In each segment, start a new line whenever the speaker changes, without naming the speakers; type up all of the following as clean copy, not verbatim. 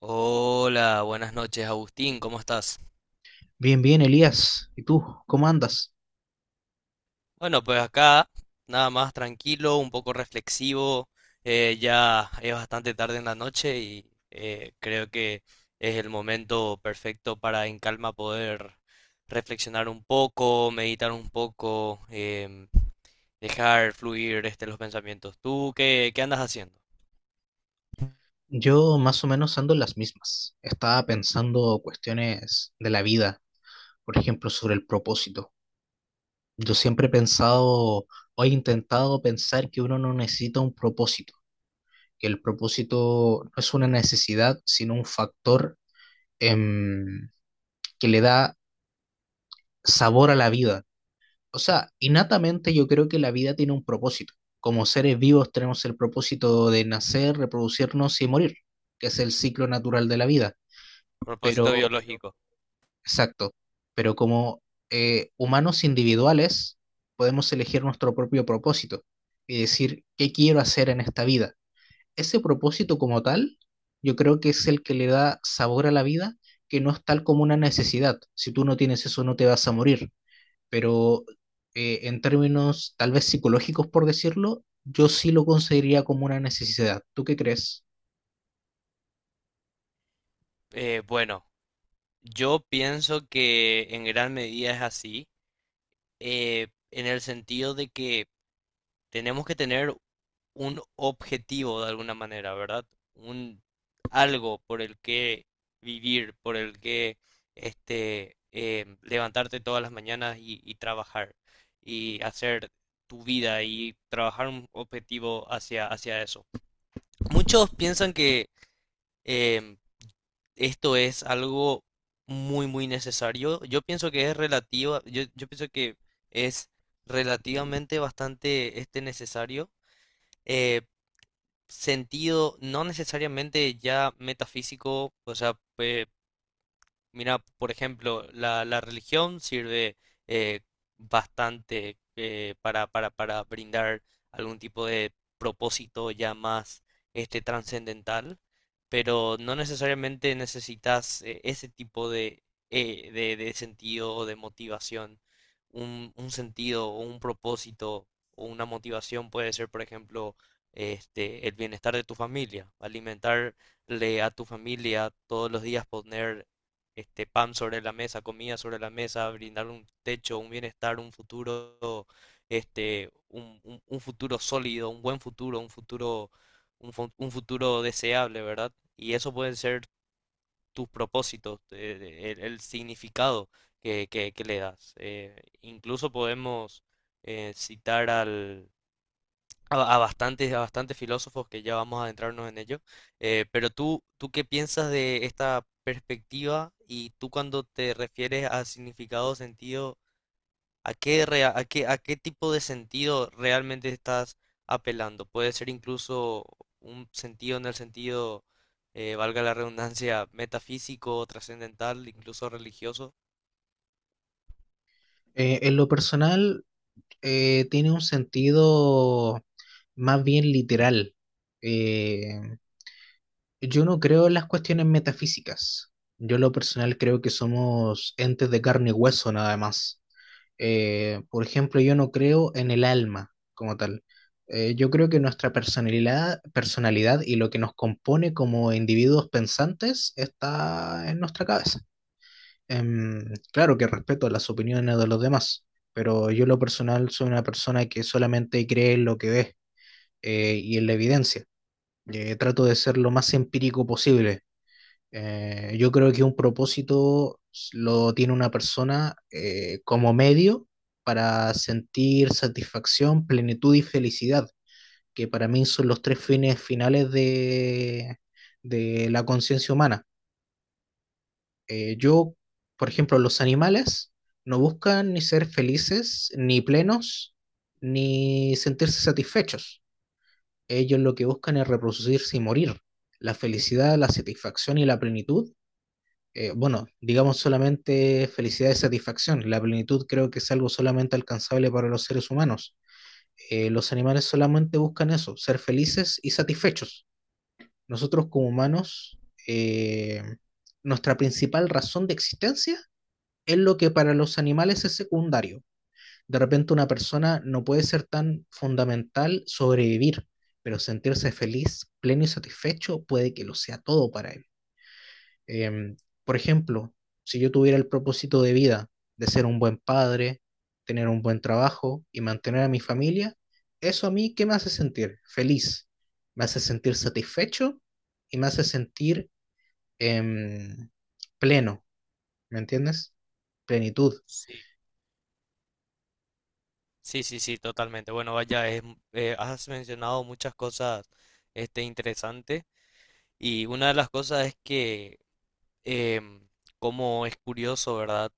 Hola, buenas noches, Agustín, ¿cómo estás?
Bien, bien, Elías. ¿Y tú? ¿Cómo andas?
Bueno, pues acá nada más tranquilo, un poco reflexivo, ya es bastante tarde en la noche y creo que es el momento perfecto para en calma poder reflexionar un poco, meditar un poco, dejar fluir este, los pensamientos. ¿Tú qué andas haciendo?
Yo más o menos ando en las mismas. Estaba pensando cuestiones de la vida, por ejemplo, sobre el propósito. Yo siempre he pensado o he intentado pensar que uno no necesita un propósito, que el propósito no es una necesidad, sino un factor em, que le da sabor a la vida. O sea, innatamente yo creo que la vida tiene un propósito. Como seres vivos tenemos el propósito de nacer, reproducirnos y morir, que es el ciclo natural de la vida. Pero,
Propósito biológico.
exacto, pero como humanos individuales podemos elegir nuestro propio propósito y decir, ¿qué quiero hacer en esta vida? Ese propósito como tal, yo creo que es el que le da sabor a la vida, que no es tal como una necesidad. Si tú no tienes eso, no te vas a morir, pero en términos tal vez psicológicos, por decirlo, yo sí lo consideraría como una necesidad. ¿Tú qué crees?
Bueno, yo pienso que en gran medida es así. En el sentido de que tenemos que tener un objetivo de alguna manera, ¿verdad? Un algo por el que vivir, por el que este, levantarte todas las mañanas y trabajar y hacer tu vida y trabajar un objetivo hacia eso. Muchos piensan que eh, esto es algo muy, muy necesario. Yo pienso que es relativa, yo pienso que es relativamente bastante este necesario. eh, Sentido no necesariamente ya metafísico, o sea, mira, por ejemplo, la religión sirve eh, bastante para, para brindar algún tipo de propósito ya más este trascendental, pero no necesariamente necesitas ese tipo de sentido o de motivación. Un sentido o un propósito o una motivación puede ser, por ejemplo, este, el bienestar de tu familia, alimentarle a tu familia todos los días, poner este pan sobre la mesa, comida sobre la mesa, brindar un techo, un bienestar, un futuro, este, un, un futuro sólido, un buen futuro, un, un futuro deseable, ¿verdad? Y eso pueden ser tus propósitos, el significado que, que le das. Incluso podemos citar al, a bastantes filósofos que ya vamos a adentrarnos en ello. Pero tú, ¿tú qué piensas de esta perspectiva? Y tú cuando te refieres a significado, sentido, ¿a qué, a qué, a qué tipo de sentido realmente estás apelando? Puede ser incluso un sentido en el sentido, valga la redundancia, metafísico, trascendental, incluso religioso.
En lo personal, tiene un sentido más bien literal. Eh, yo no creo en las cuestiones metafísicas. Yo en lo personal creo que somos entes de carne y hueso nada más. Por ejemplo, yo no creo en el alma como tal. Yo creo que nuestra personalidad y lo que nos compone como individuos pensantes está en nuestra cabeza. Em, claro que respeto las opiniones de los demás, pero yo en lo personal soy una persona que solamente cree en lo que ve, y en la evidencia. Trato de ser lo más empírico posible. Yo creo que un propósito lo tiene una persona como medio para sentir satisfacción, plenitud y felicidad, que para mí son los tres fines finales de la conciencia humana. Eh, yo, por ejemplo, los animales no buscan ni ser felices, ni plenos, ni sentirse satisfechos. Ellos lo que buscan es reproducirse y morir. La felicidad, la satisfacción y la plenitud, bueno, digamos solamente felicidad y satisfacción. La plenitud creo que es algo solamente alcanzable para los seres humanos. Los animales solamente buscan eso, ser felices y satisfechos. Nosotros como humanos, eh, nuestra principal razón de existencia es lo que para los animales es secundario. De repente una persona no puede ser tan fundamental sobrevivir, pero sentirse feliz, pleno y satisfecho puede que lo sea todo para él. Em, por ejemplo, si yo tuviera el propósito de vida de ser un buen padre, tener un buen trabajo y mantener a mi familia, eso a mí, ¿qué me hace sentir? Feliz, me hace sentir satisfecho y me hace sentir em, pleno, ¿me entiendes? Plenitud.
Sí, sí, sí, sí, totalmente. Bueno, vaya, es, has mencionado muchas cosas, este, interesantes. Y una de las cosas es que, em, como es curioso, ¿verdad?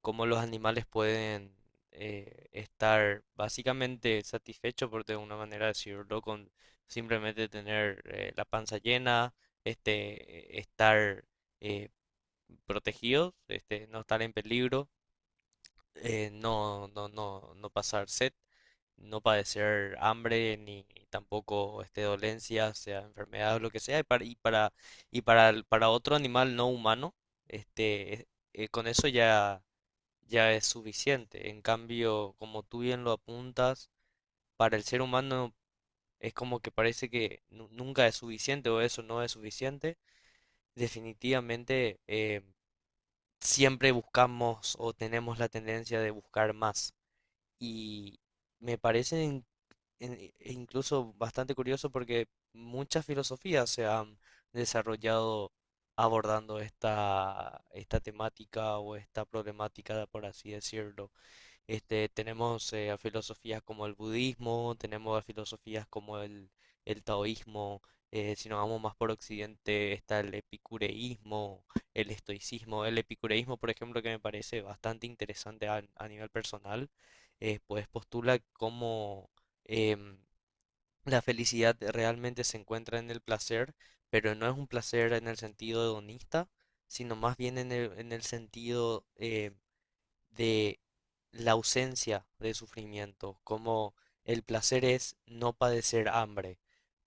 Cómo los animales pueden estar básicamente satisfechos, por de una manera decirlo, con simplemente tener la panza llena, este, estar eh, protegidos, este, no estar en peligro no pasar sed, no padecer hambre, ni ni tampoco este, dolencias, sea enfermedad o lo que sea, para otro animal no humano, este, con eso ya, ya es suficiente. En cambio, como tú bien lo apuntas, para el ser humano es como que parece que nunca es suficiente o eso no es suficiente. Definitivamente, siempre buscamos o tenemos la tendencia de buscar más. Y me parece incluso bastante curioso porque muchas filosofías se han desarrollado abordando esta temática o esta problemática, por así decirlo. Este, tenemos a filosofías como el budismo, tenemos a filosofías como el taoísmo, si nos vamos más por occidente está el epicureísmo, el estoicismo. El epicureísmo, por ejemplo, que me parece bastante interesante a nivel personal, pues postula cómo em, la felicidad realmente se encuentra en el placer, pero no es un placer en el sentido hedonista, sino más bien en el sentido de la ausencia de sufrimiento, como el placer es no padecer hambre,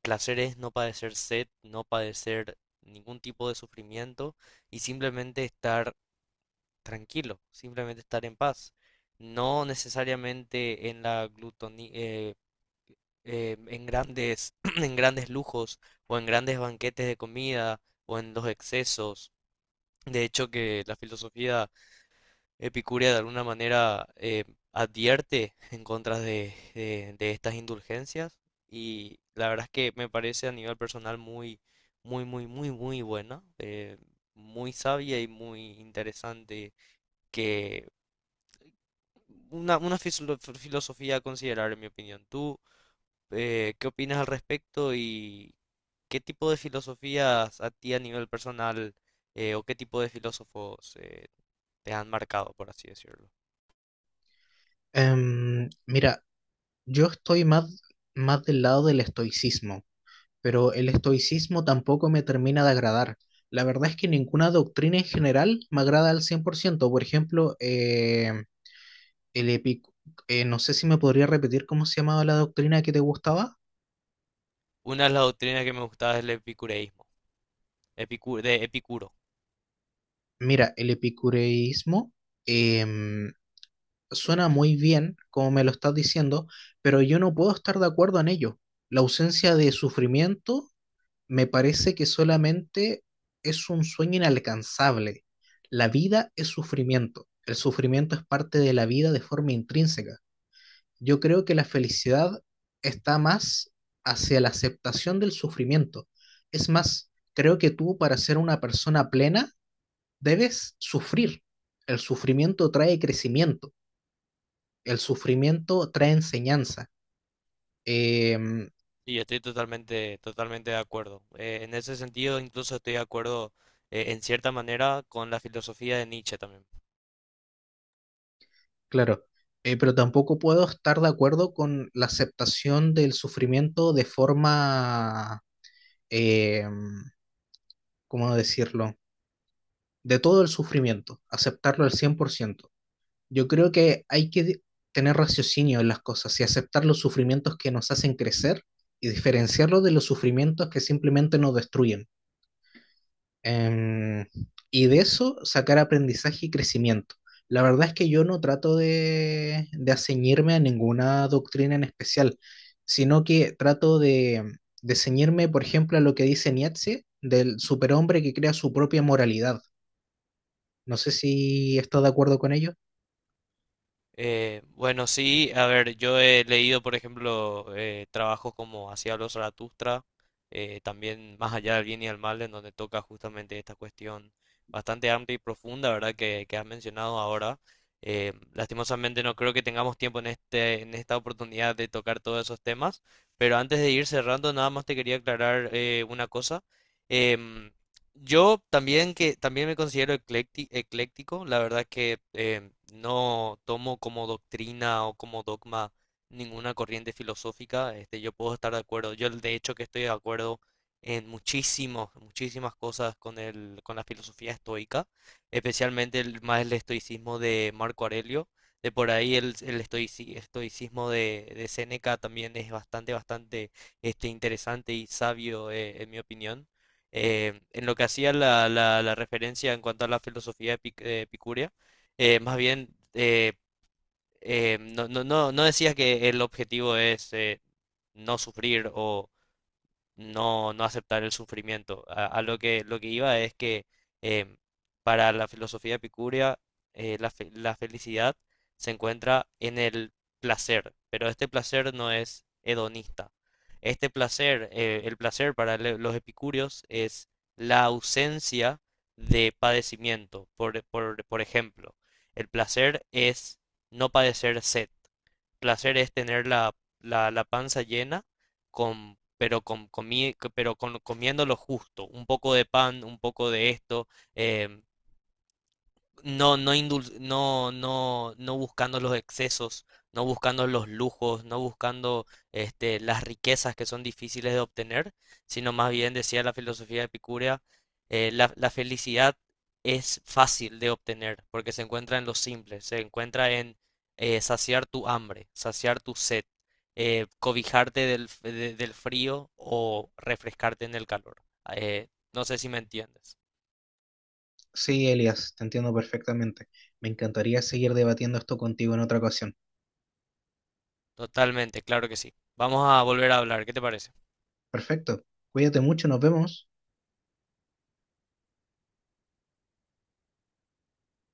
placer es no padecer sed, no padecer ningún tipo de sufrimiento y simplemente estar tranquilo, simplemente estar en paz, no necesariamente en la glutonía, en grandes, en grandes lujos o en grandes banquetes de comida o en los excesos. De hecho, que la filosofía Epicuria de alguna manera advierte en contra de, de estas indulgencias y la verdad es que me parece a nivel personal muy buena, muy sabia y muy interesante que una, fisilo- filosofía a considerar en mi opinión. ¿Tú qué opinas al respecto y qué tipo de filosofías a ti a nivel personal o qué tipo de filósofos te han marcado, por así decirlo?
Mira, yo estoy más del lado del estoicismo, pero el estoicismo tampoco me termina de agradar. La verdad es que ninguna doctrina en general me agrada al 100%. Por ciento. Por ejemplo, el epic no sé si me podría repetir cómo se llamaba la doctrina que te gustaba.
Una de las doctrinas que me gustaba es el epicureísmo, de Epicuro.
Mira, el epicureísmo em, suena muy bien, como me lo estás diciendo, pero yo no puedo estar de acuerdo en ello. La ausencia de sufrimiento me parece que solamente es un sueño inalcanzable. La vida es sufrimiento. El sufrimiento es parte de la vida de forma intrínseca. Yo creo que la felicidad está más hacia la aceptación del sufrimiento. Es más, creo que tú para ser una persona plena debes sufrir. El sufrimiento trae crecimiento. El sufrimiento trae enseñanza. Eh,
Y yo estoy totalmente, totalmente de acuerdo. En ese sentido, incluso estoy de acuerdo, en cierta manera, con la filosofía de Nietzsche también.
Claro, pero tampoco puedo estar de acuerdo con la aceptación del sufrimiento de forma, eh, ¿cómo decirlo? De todo el sufrimiento, aceptarlo al 100%. Yo creo que tener raciocinio en las cosas y aceptar los sufrimientos que nos hacen crecer y diferenciarlos de los sufrimientos que simplemente nos destruyen. Em, y de eso sacar aprendizaje y crecimiento. La verdad es que yo no de aceñirme a ninguna doctrina en especial, sino que de ceñirme, por ejemplo, a lo que dice Nietzsche del superhombre que crea su propia moralidad. No sé si estás de acuerdo con ello.
Bueno, sí, a ver, yo he leído, por ejemplo, trabajos como Hacia los Zaratustra, también Más allá del bien y del mal, en donde toca justamente esta cuestión bastante amplia y profunda, ¿verdad? Que has mencionado ahora. Lastimosamente no creo que tengamos tiempo en este, en esta oportunidad de tocar todos esos temas, pero antes de ir cerrando, nada más te quería aclarar una cosa. Em, yo también que también me considero ecléctico, la verdad que no tomo como doctrina o como dogma ninguna corriente filosófica, este, yo puedo estar de acuerdo, yo de hecho que estoy de acuerdo en muchísimos, muchísimas cosas con el, con la filosofía estoica, especialmente el, más el estoicismo de Marco Aurelio, de por ahí el estoicismo de Séneca también es bastante, bastante este, interesante y sabio en mi opinión en lo que hacía la, la referencia en cuanto a la filosofía epicurea, más bien no decía que el objetivo es no sufrir o no aceptar el sufrimiento. A lo que iba es que em, para la filosofía epicúrea la, la felicidad se encuentra en el placer, pero este placer no es hedonista. Este placer, el placer para los epicúreos es la ausencia de padecimiento. Por ejemplo, el placer es no padecer sed placer es tener la, la panza llena, con, pero, con, pero con, comiendo lo justo, un poco de pan, un poco de esto, eh, no, no, no buscando los excesos, no buscando los lujos, no buscando este, las riquezas que son difíciles de obtener, sino más bien decía la filosofía epicúrea, la, la felicidad es fácil de obtener porque se encuentra en lo simple, se encuentra en saciar tu hambre, saciar tu sed, cobijarte del, del frío o refrescarte en el calor. No sé si me entiendes.
Sí, Elias, te entiendo perfectamente. Me encantaría seguir debatiendo esto contigo en otra ocasión.
Totalmente, claro que sí. Vamos a volver a hablar, ¿qué te parece?
Perfecto. Cuídate mucho, nos vemos.